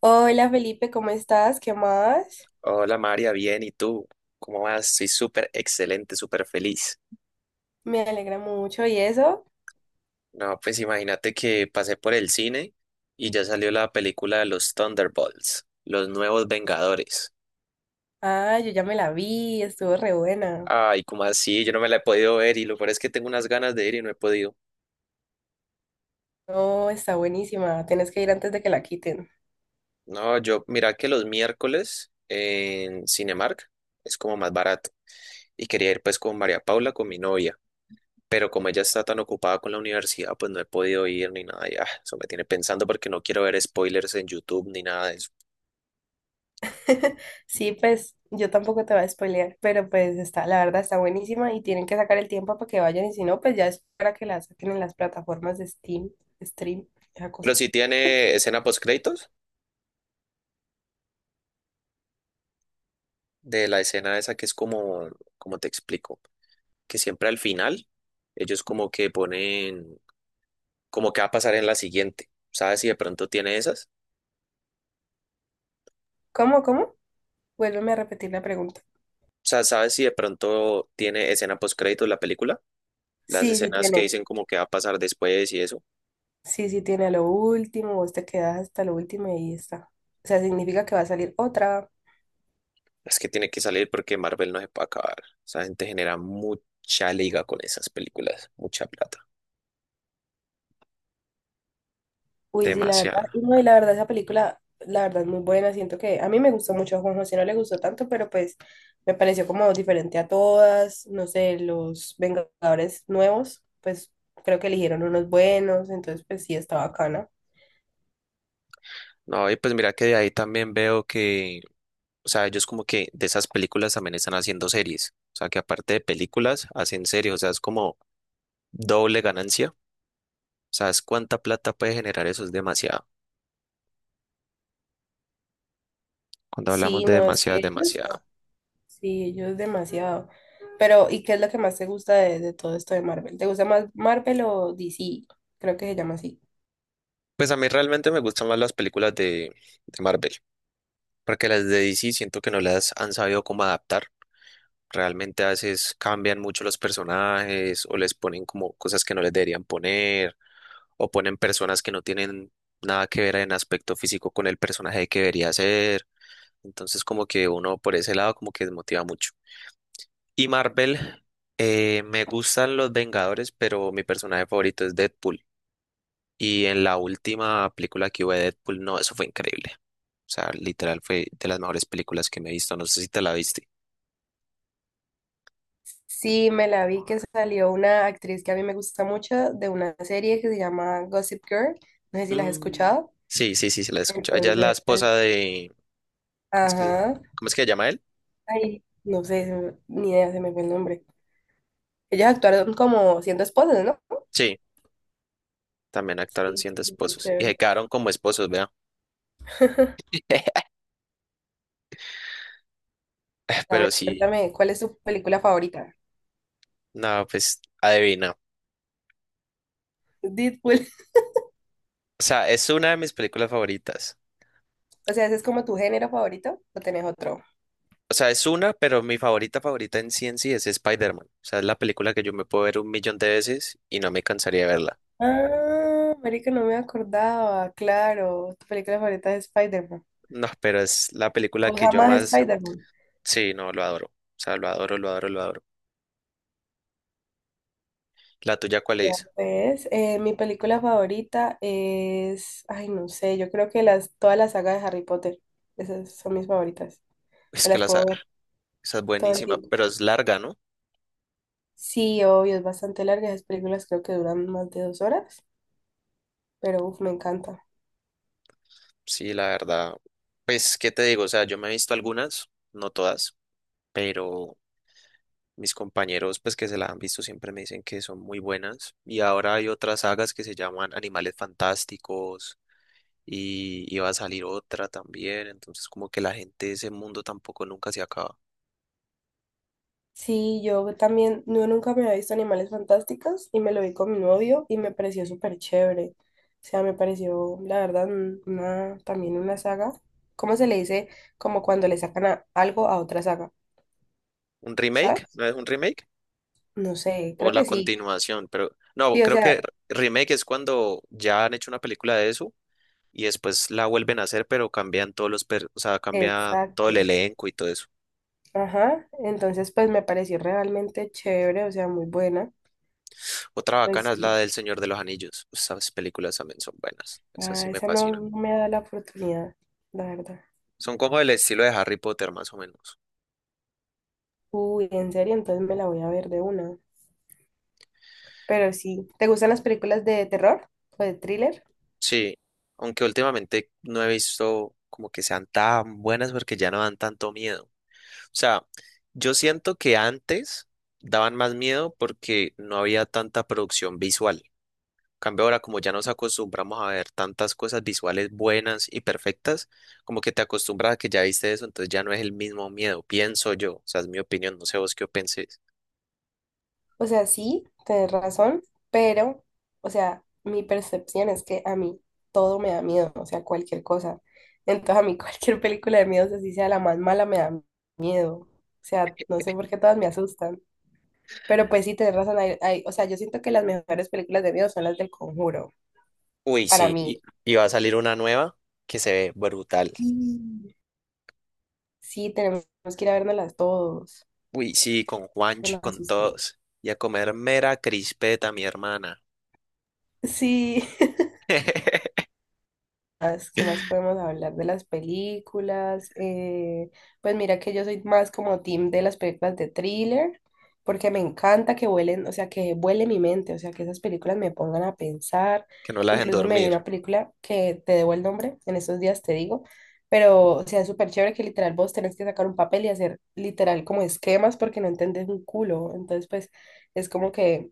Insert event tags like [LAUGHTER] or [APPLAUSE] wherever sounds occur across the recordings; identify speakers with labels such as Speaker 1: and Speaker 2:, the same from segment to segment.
Speaker 1: Hola Felipe, ¿cómo estás? ¿Qué más?
Speaker 2: Hola María, bien, ¿y tú? ¿Cómo vas? Soy súper excelente, súper feliz.
Speaker 1: Me alegra mucho. ¿Y eso?
Speaker 2: No, pues imagínate que pasé por el cine y ya salió la película de los Thunderbolts, los nuevos Vengadores.
Speaker 1: Ah, yo ya me la vi, estuvo re buena.
Speaker 2: Ay, ¿cómo así? Yo no me la he podido ver y lo peor es que tengo unas ganas de ir y no he podido.
Speaker 1: No, está buenísima. Tienes que ir antes de que la quiten.
Speaker 2: No, yo, mira que los miércoles en Cinemark es como más barato y quería ir pues con María Paula, con mi novia. Pero como ella está tan ocupada con la universidad, pues no he podido ir ni nada. Ya, eso me tiene pensando porque no quiero ver spoilers en YouTube ni nada de eso.
Speaker 1: [LAUGHS] Sí, pues yo tampoco te voy a spoilear, pero pues está, la verdad está buenísima y tienen que sacar el tiempo para que vayan y si no, pues ya es para que la saquen en las plataformas de Steam, Stream, esa cosa.
Speaker 2: Pero sí tiene escena post créditos de la escena esa que es como, como te explico, que siempre al final ellos como que ponen como que va a pasar en la siguiente. ¿Sabes si de pronto tiene esas?
Speaker 1: ¿Cómo, cómo? Vuélveme a repetir la pregunta.
Speaker 2: O sea, ¿sabes si de pronto tiene escena post créditos la película? Las
Speaker 1: Sí, sí,
Speaker 2: escenas que
Speaker 1: tiene.
Speaker 2: dicen como que va a pasar después y eso.
Speaker 1: Sí, sí tiene a lo último, vos te quedas hasta lo último y ahí está. O sea, significa que va a salir otra.
Speaker 2: Es que tiene que salir porque Marvel no se puede acabar. Esa gente genera mucha liga con esas películas, mucha plata,
Speaker 1: Uy, sí, la [LAUGHS] verdad. Y
Speaker 2: demasiada.
Speaker 1: no, y la verdad, esa película, la verdad, es muy buena. Siento que a mí me gustó mucho, a Juan José no le gustó tanto, pero pues me pareció como diferente a todas. No sé, los Vengadores nuevos, pues creo que eligieron unos buenos, entonces pues sí, está bacana.
Speaker 2: No, y pues mira que de ahí también veo que, o sea, ellos como que de esas películas también están haciendo series. O sea, que aparte de películas, hacen series. O sea, es como doble ganancia. ¿Sabes cuánta plata puede generar eso? Es demasiado. Cuando hablamos
Speaker 1: Sí,
Speaker 2: de
Speaker 1: no, es
Speaker 2: demasiado,
Speaker 1: que
Speaker 2: es
Speaker 1: ellos.
Speaker 2: demasiado.
Speaker 1: Sí, ellos demasiado. Pero, ¿y qué es lo que más te gusta de todo esto de Marvel? ¿Te gusta más Marvel o DC? Creo que se llama así.
Speaker 2: Pues a mí realmente me gustan más las películas de Marvel, porque las de DC siento que no las han sabido cómo adaptar. Realmente a veces cambian mucho los personajes o les ponen como cosas que no les deberían poner o ponen personas que no tienen nada que ver en aspecto físico con el personaje que debería ser. Entonces como que uno por ese lado como que desmotiva mucho. Y Marvel, me gustan los Vengadores, pero mi personaje favorito es Deadpool. Y en la última película que hubo de Deadpool, no, eso fue increíble. O sea, literal fue de las mejores películas que me he visto. No sé si te la viste.
Speaker 1: Sí, me la vi que salió una actriz que a mí me gusta mucho de una serie que se llama Gossip Girl. No sé si la has
Speaker 2: Mm,
Speaker 1: escuchado.
Speaker 2: sí, sí, sí, se la he escuchado. Ella es la
Speaker 1: Entonces,
Speaker 2: esposa de... ¿Cómo es
Speaker 1: ajá.
Speaker 2: cómo es que se llama él?
Speaker 1: Ay, no sé, ni idea, se me fue el nombre. Ellas actuaron como siendo esposas, ¿no?
Speaker 2: Sí, también actuaron
Speaker 1: Sí,
Speaker 2: siendo
Speaker 1: súper
Speaker 2: esposos. Y se
Speaker 1: chévere.
Speaker 2: quedaron como esposos, vea.
Speaker 1: [LAUGHS]
Speaker 2: [LAUGHS]
Speaker 1: A
Speaker 2: Pero
Speaker 1: ver,
Speaker 2: sí,
Speaker 1: cuéntame, ¿cuál es tu película favorita?
Speaker 2: no, pues adivina.
Speaker 1: Deadpool. [LAUGHS]
Speaker 2: O sea, es una de mis películas favoritas.
Speaker 1: O sea, ¿ese es como tu género favorito o tenés otro?
Speaker 2: O sea, es una, pero mi favorita favorita en sí es Spider-Man. O sea, es la película que yo me puedo ver un millón de veces y no me cansaría de verla.
Speaker 1: Ah, marica, no me acordaba, claro. Tu película favorita es Spider-Man.
Speaker 2: No, pero es la película
Speaker 1: ¿Vos
Speaker 2: que yo
Speaker 1: jamás
Speaker 2: más...
Speaker 1: Spider-Man?
Speaker 2: Sí, no, lo adoro. O sea, lo adoro, lo adoro, lo adoro. ¿La tuya cuál
Speaker 1: Ya
Speaker 2: es?
Speaker 1: ves, mi película favorita es, ay, no sé, yo creo que toda la saga de Harry Potter, esas son mis favoritas. Me
Speaker 2: Es que
Speaker 1: las
Speaker 2: la sa-
Speaker 1: puedo ver
Speaker 2: esa es
Speaker 1: todo el
Speaker 2: buenísima,
Speaker 1: tiempo.
Speaker 2: pero es larga, ¿no?
Speaker 1: Sí, obvio, es bastante larga, esas películas creo que duran más de 2 horas, pero uf, me encanta.
Speaker 2: Sí, la verdad. Pues, ¿qué te digo? O sea, yo me he visto algunas, no todas, pero mis compañeros, pues que se la han visto, siempre me dicen que son muy buenas. Y ahora hay otras sagas que se llaman Animales Fantásticos y iba a salir otra también. Entonces, como que la gente de ese mundo tampoco nunca se acaba.
Speaker 1: Sí, yo también, yo nunca me había visto Animales Fantásticos y me lo vi con mi novio y me pareció súper chévere. O sea, me pareció, la verdad, también una saga. ¿Cómo se le dice? Como cuando le sacan algo a otra saga,
Speaker 2: ¿Un remake?
Speaker 1: ¿sabes?
Speaker 2: ¿No es un remake?
Speaker 1: No sé,
Speaker 2: ¿O
Speaker 1: creo
Speaker 2: la
Speaker 1: que sí.
Speaker 2: continuación? Pero no,
Speaker 1: Sí, o
Speaker 2: creo que
Speaker 1: sea,
Speaker 2: remake es cuando ya han hecho una película de eso y después la vuelven a hacer, pero cambian todos los, per- o sea, cambia todo
Speaker 1: exacto.
Speaker 2: el elenco y todo eso.
Speaker 1: Ajá, entonces pues me pareció realmente chévere, o sea, muy buena.
Speaker 2: Otra bacana
Speaker 1: Pues
Speaker 2: es la
Speaker 1: sí,
Speaker 2: del Señor de los Anillos. Esas películas también son buenas. Esas sí
Speaker 1: ah,
Speaker 2: me
Speaker 1: esa no,
Speaker 2: fascinan.
Speaker 1: no me da la oportunidad, la verdad.
Speaker 2: Son como el estilo de Harry Potter, más o menos.
Speaker 1: Uy, en serio, entonces me la voy a ver de una. Pero sí, ¿te gustan las películas de terror o de thriller?
Speaker 2: Sí, aunque últimamente no he visto como que sean tan buenas porque ya no dan tanto miedo. O sea, yo siento que antes daban más miedo porque no había tanta producción visual. Cambio ahora, como ya nos acostumbramos a ver tantas cosas visuales buenas y perfectas, como que te acostumbras a que ya viste eso, entonces ya no es el mismo miedo, pienso yo, o sea, es mi opinión, no sé vos qué penséis.
Speaker 1: O sea, sí, tienes razón, pero, o sea, mi percepción es que a mí todo me da miedo, o sea, cualquier cosa. Entonces, a mí [LAUGHS] cualquier película de miedo, así sea la más mala, me da miedo. O sea, no sé por qué todas me asustan. Pero pues sí, tienes razón. O sea, yo siento que las mejores películas de miedo son las del Conjuro,
Speaker 2: Uy,
Speaker 1: para
Speaker 2: sí, y,
Speaker 1: mí.
Speaker 2: y va a salir una nueva que se ve brutal.
Speaker 1: Y sí, tenemos que ir a vernoslas todos.
Speaker 2: Uy, sí, con
Speaker 1: Que
Speaker 2: Juanchi,
Speaker 1: nos
Speaker 2: con
Speaker 1: asusten.
Speaker 2: todos. Y a comer mera crispeta, mi hermana.
Speaker 1: Sí. [LAUGHS]
Speaker 2: [LAUGHS]
Speaker 1: ¿más? ¿Qué más podemos hablar de las películas? Pues mira que yo soy más como team de las películas de thriller, porque me encanta que vuelen, o sea, que vuele mi mente, o sea, que esas películas me pongan a pensar.
Speaker 2: Que no la dejen
Speaker 1: Incluso me vi
Speaker 2: dormir.
Speaker 1: una película que te debo el nombre, en estos días te digo, pero o sea, es súper chévere que literal vos tenés que sacar un papel y hacer literal como esquemas porque no entendés un culo. Entonces, pues es como que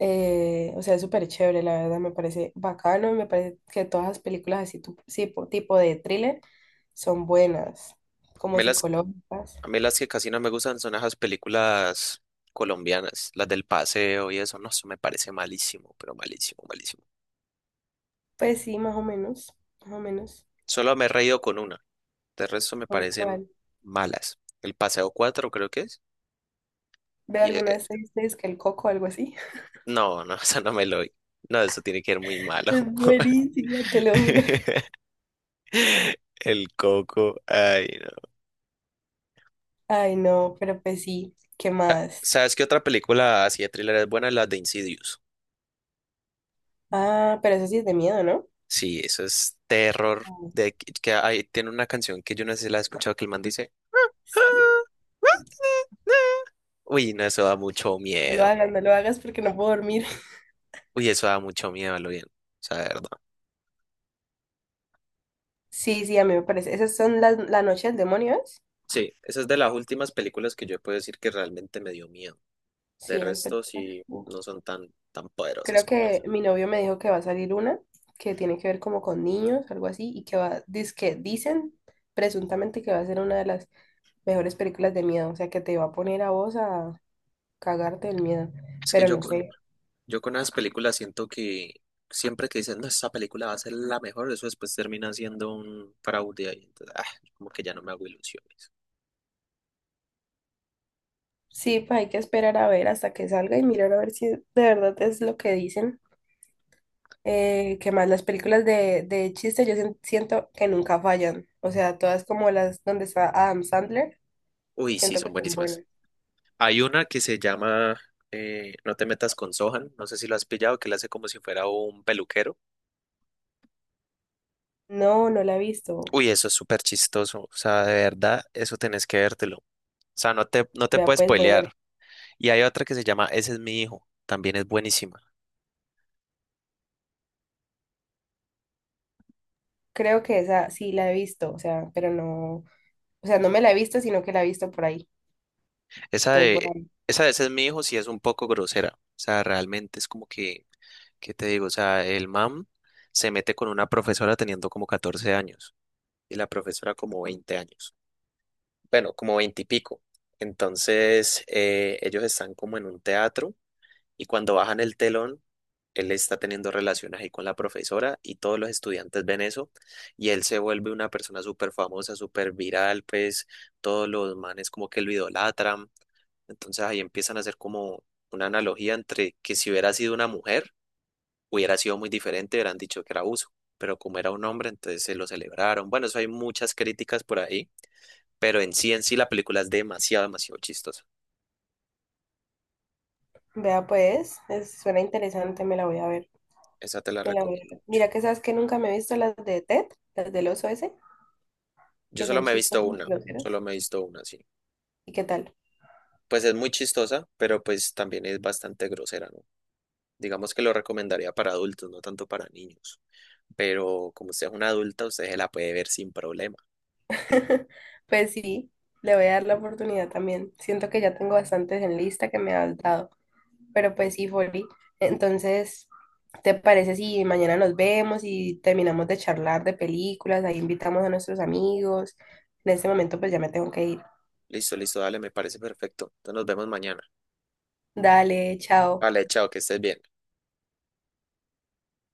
Speaker 1: o sea, es súper chévere, la verdad, me parece bacano y me parece que todas las películas así tipo de thriller son buenas,
Speaker 2: A
Speaker 1: como
Speaker 2: mí
Speaker 1: psicológicas.
Speaker 2: a mí las que casi no me gustan son esas películas colombianas, las del paseo y eso, no, eso me parece malísimo, pero malísimo, malísimo.
Speaker 1: Pues sí, más o menos.
Speaker 2: Solo me he reído con una. De resto me
Speaker 1: ¿Con
Speaker 2: parecen
Speaker 1: cuál?
Speaker 2: malas. El paseo 4, creo que es.
Speaker 1: ¿Ve
Speaker 2: Y,
Speaker 1: alguna de seis veces que el coco o algo así? [LAUGHS]
Speaker 2: no, [LAUGHS] eso no me lo vi. No, eso tiene que ser muy malo.
Speaker 1: Es buenísimo, te lo juro. [LAUGHS]
Speaker 2: [LAUGHS] El coco. Ay, no.
Speaker 1: Ay, no, pero pues sí, ¿qué
Speaker 2: Ah,
Speaker 1: más?
Speaker 2: ¿sabes qué otra película así de thriller es buena? La de Insidious.
Speaker 1: Ah, pero eso sí es de miedo, ¿no?
Speaker 2: Sí, eso es terror.
Speaker 1: Ay,
Speaker 2: De que hay, tiene una canción que yo no sé si la he escuchado que el man dice. "Ah".
Speaker 1: sí.
Speaker 2: Uy, no, eso da mucho
Speaker 1: No lo
Speaker 2: miedo.
Speaker 1: hagas, no lo hagas porque no puedo dormir.
Speaker 2: Uy, eso da mucho miedo, a lo bien. O sea, de verdad.
Speaker 1: [LAUGHS] Sí, sí, a mí me parece. Esas son las, la noche del demonio, ¿es?
Speaker 2: Sí, esa es de las últimas películas que yo puedo decir que realmente me dio miedo.
Speaker 1: Sí,
Speaker 2: De
Speaker 1: esas
Speaker 2: resto,
Speaker 1: películas.
Speaker 2: sí, no son tan poderosas
Speaker 1: Creo
Speaker 2: como
Speaker 1: que
Speaker 2: esa.
Speaker 1: mi novio me dijo que va a salir una que tiene que ver como con niños, algo así, y que va, que dicen presuntamente que va a ser una de las mejores películas de miedo, o sea, que te va a poner a vos a cagarte del miedo,
Speaker 2: Es que
Speaker 1: pero
Speaker 2: yo
Speaker 1: no sé.
Speaker 2: yo con esas películas siento que siempre que dicen, no, esta película va a ser la mejor, eso después termina siendo un fraude ahí. Entonces, como que ya no me hago ilusiones.
Speaker 1: Sí, pues hay que esperar a ver hasta que salga y mirar a ver si de verdad es lo que dicen. Qué más las películas de chiste yo siento que nunca fallan, o sea, todas como las donde está Adam Sandler,
Speaker 2: Uy, sí,
Speaker 1: siento
Speaker 2: son
Speaker 1: que son
Speaker 2: buenísimas.
Speaker 1: buenas.
Speaker 2: Hay una que se llama No te metas con Sohan, no sé si lo has pillado, que le hace como si fuera un peluquero.
Speaker 1: No, no la he visto.
Speaker 2: Uy, eso es súper chistoso. O sea, de verdad, eso tenés que vértelo. O sea, no no te
Speaker 1: Vea,
Speaker 2: puedes
Speaker 1: pues voy a ver.
Speaker 2: spoilear. Y hay otra que se llama Ese es mi hijo, también es buenísima.
Speaker 1: Creo que esa sí la he visto, o sea, pero no, o sea, no me la he visto, sino que la he visto por ahí.
Speaker 2: Esa
Speaker 1: Entonces, bueno,
Speaker 2: de, esa de Ese es mi hijo sí es un poco grosera. O sea, realmente es como que, ¿qué te digo? O sea, el mam se mete con una profesora teniendo como 14 años y la profesora como 20 años. Bueno, como 20 y pico. Entonces, ellos están como en un teatro. Y cuando bajan el telón, él está teniendo relaciones ahí con la profesora y todos los estudiantes ven eso y él se vuelve una persona súper famosa, súper viral, pues todos los manes como que lo idolatran. Entonces ahí empiezan a hacer como una analogía entre que si hubiera sido una mujer, hubiera sido muy diferente, hubieran dicho que era abuso, pero como era un hombre, entonces se lo celebraron. Bueno, eso hay muchas críticas por ahí, pero en sí la película es demasiado, demasiado chistosa.
Speaker 1: vea pues, suena interesante, me la voy a ver,
Speaker 2: Esa te la
Speaker 1: me la voy a
Speaker 2: recomiendo.
Speaker 1: ver. Mira que sabes que nunca me he visto las de Ted, las del oso ese,
Speaker 2: Yo
Speaker 1: que
Speaker 2: solo
Speaker 1: son
Speaker 2: me he visto
Speaker 1: chistosas
Speaker 2: una,
Speaker 1: y groseras.
Speaker 2: Solo me he visto una, sí.
Speaker 1: ¿Y qué tal?
Speaker 2: Pues es muy chistosa, pero pues también es bastante grosera, ¿no? Digamos que lo recomendaría para adultos, no tanto para niños. Pero como usted es una adulta, usted se la puede ver sin problema.
Speaker 1: [LAUGHS] Pues sí, le voy a dar la oportunidad también. Siento que ya tengo bastantes en lista que me has dado. Pero pues sí, Folly. Entonces, ¿te parece si mañana nos vemos y terminamos de charlar de películas? Ahí invitamos a nuestros amigos. En este momento, pues ya me tengo que ir.
Speaker 2: Listo, listo, dale, me parece perfecto. Entonces nos vemos mañana.
Speaker 1: Dale, chao.
Speaker 2: Vale, chao, que estés bien.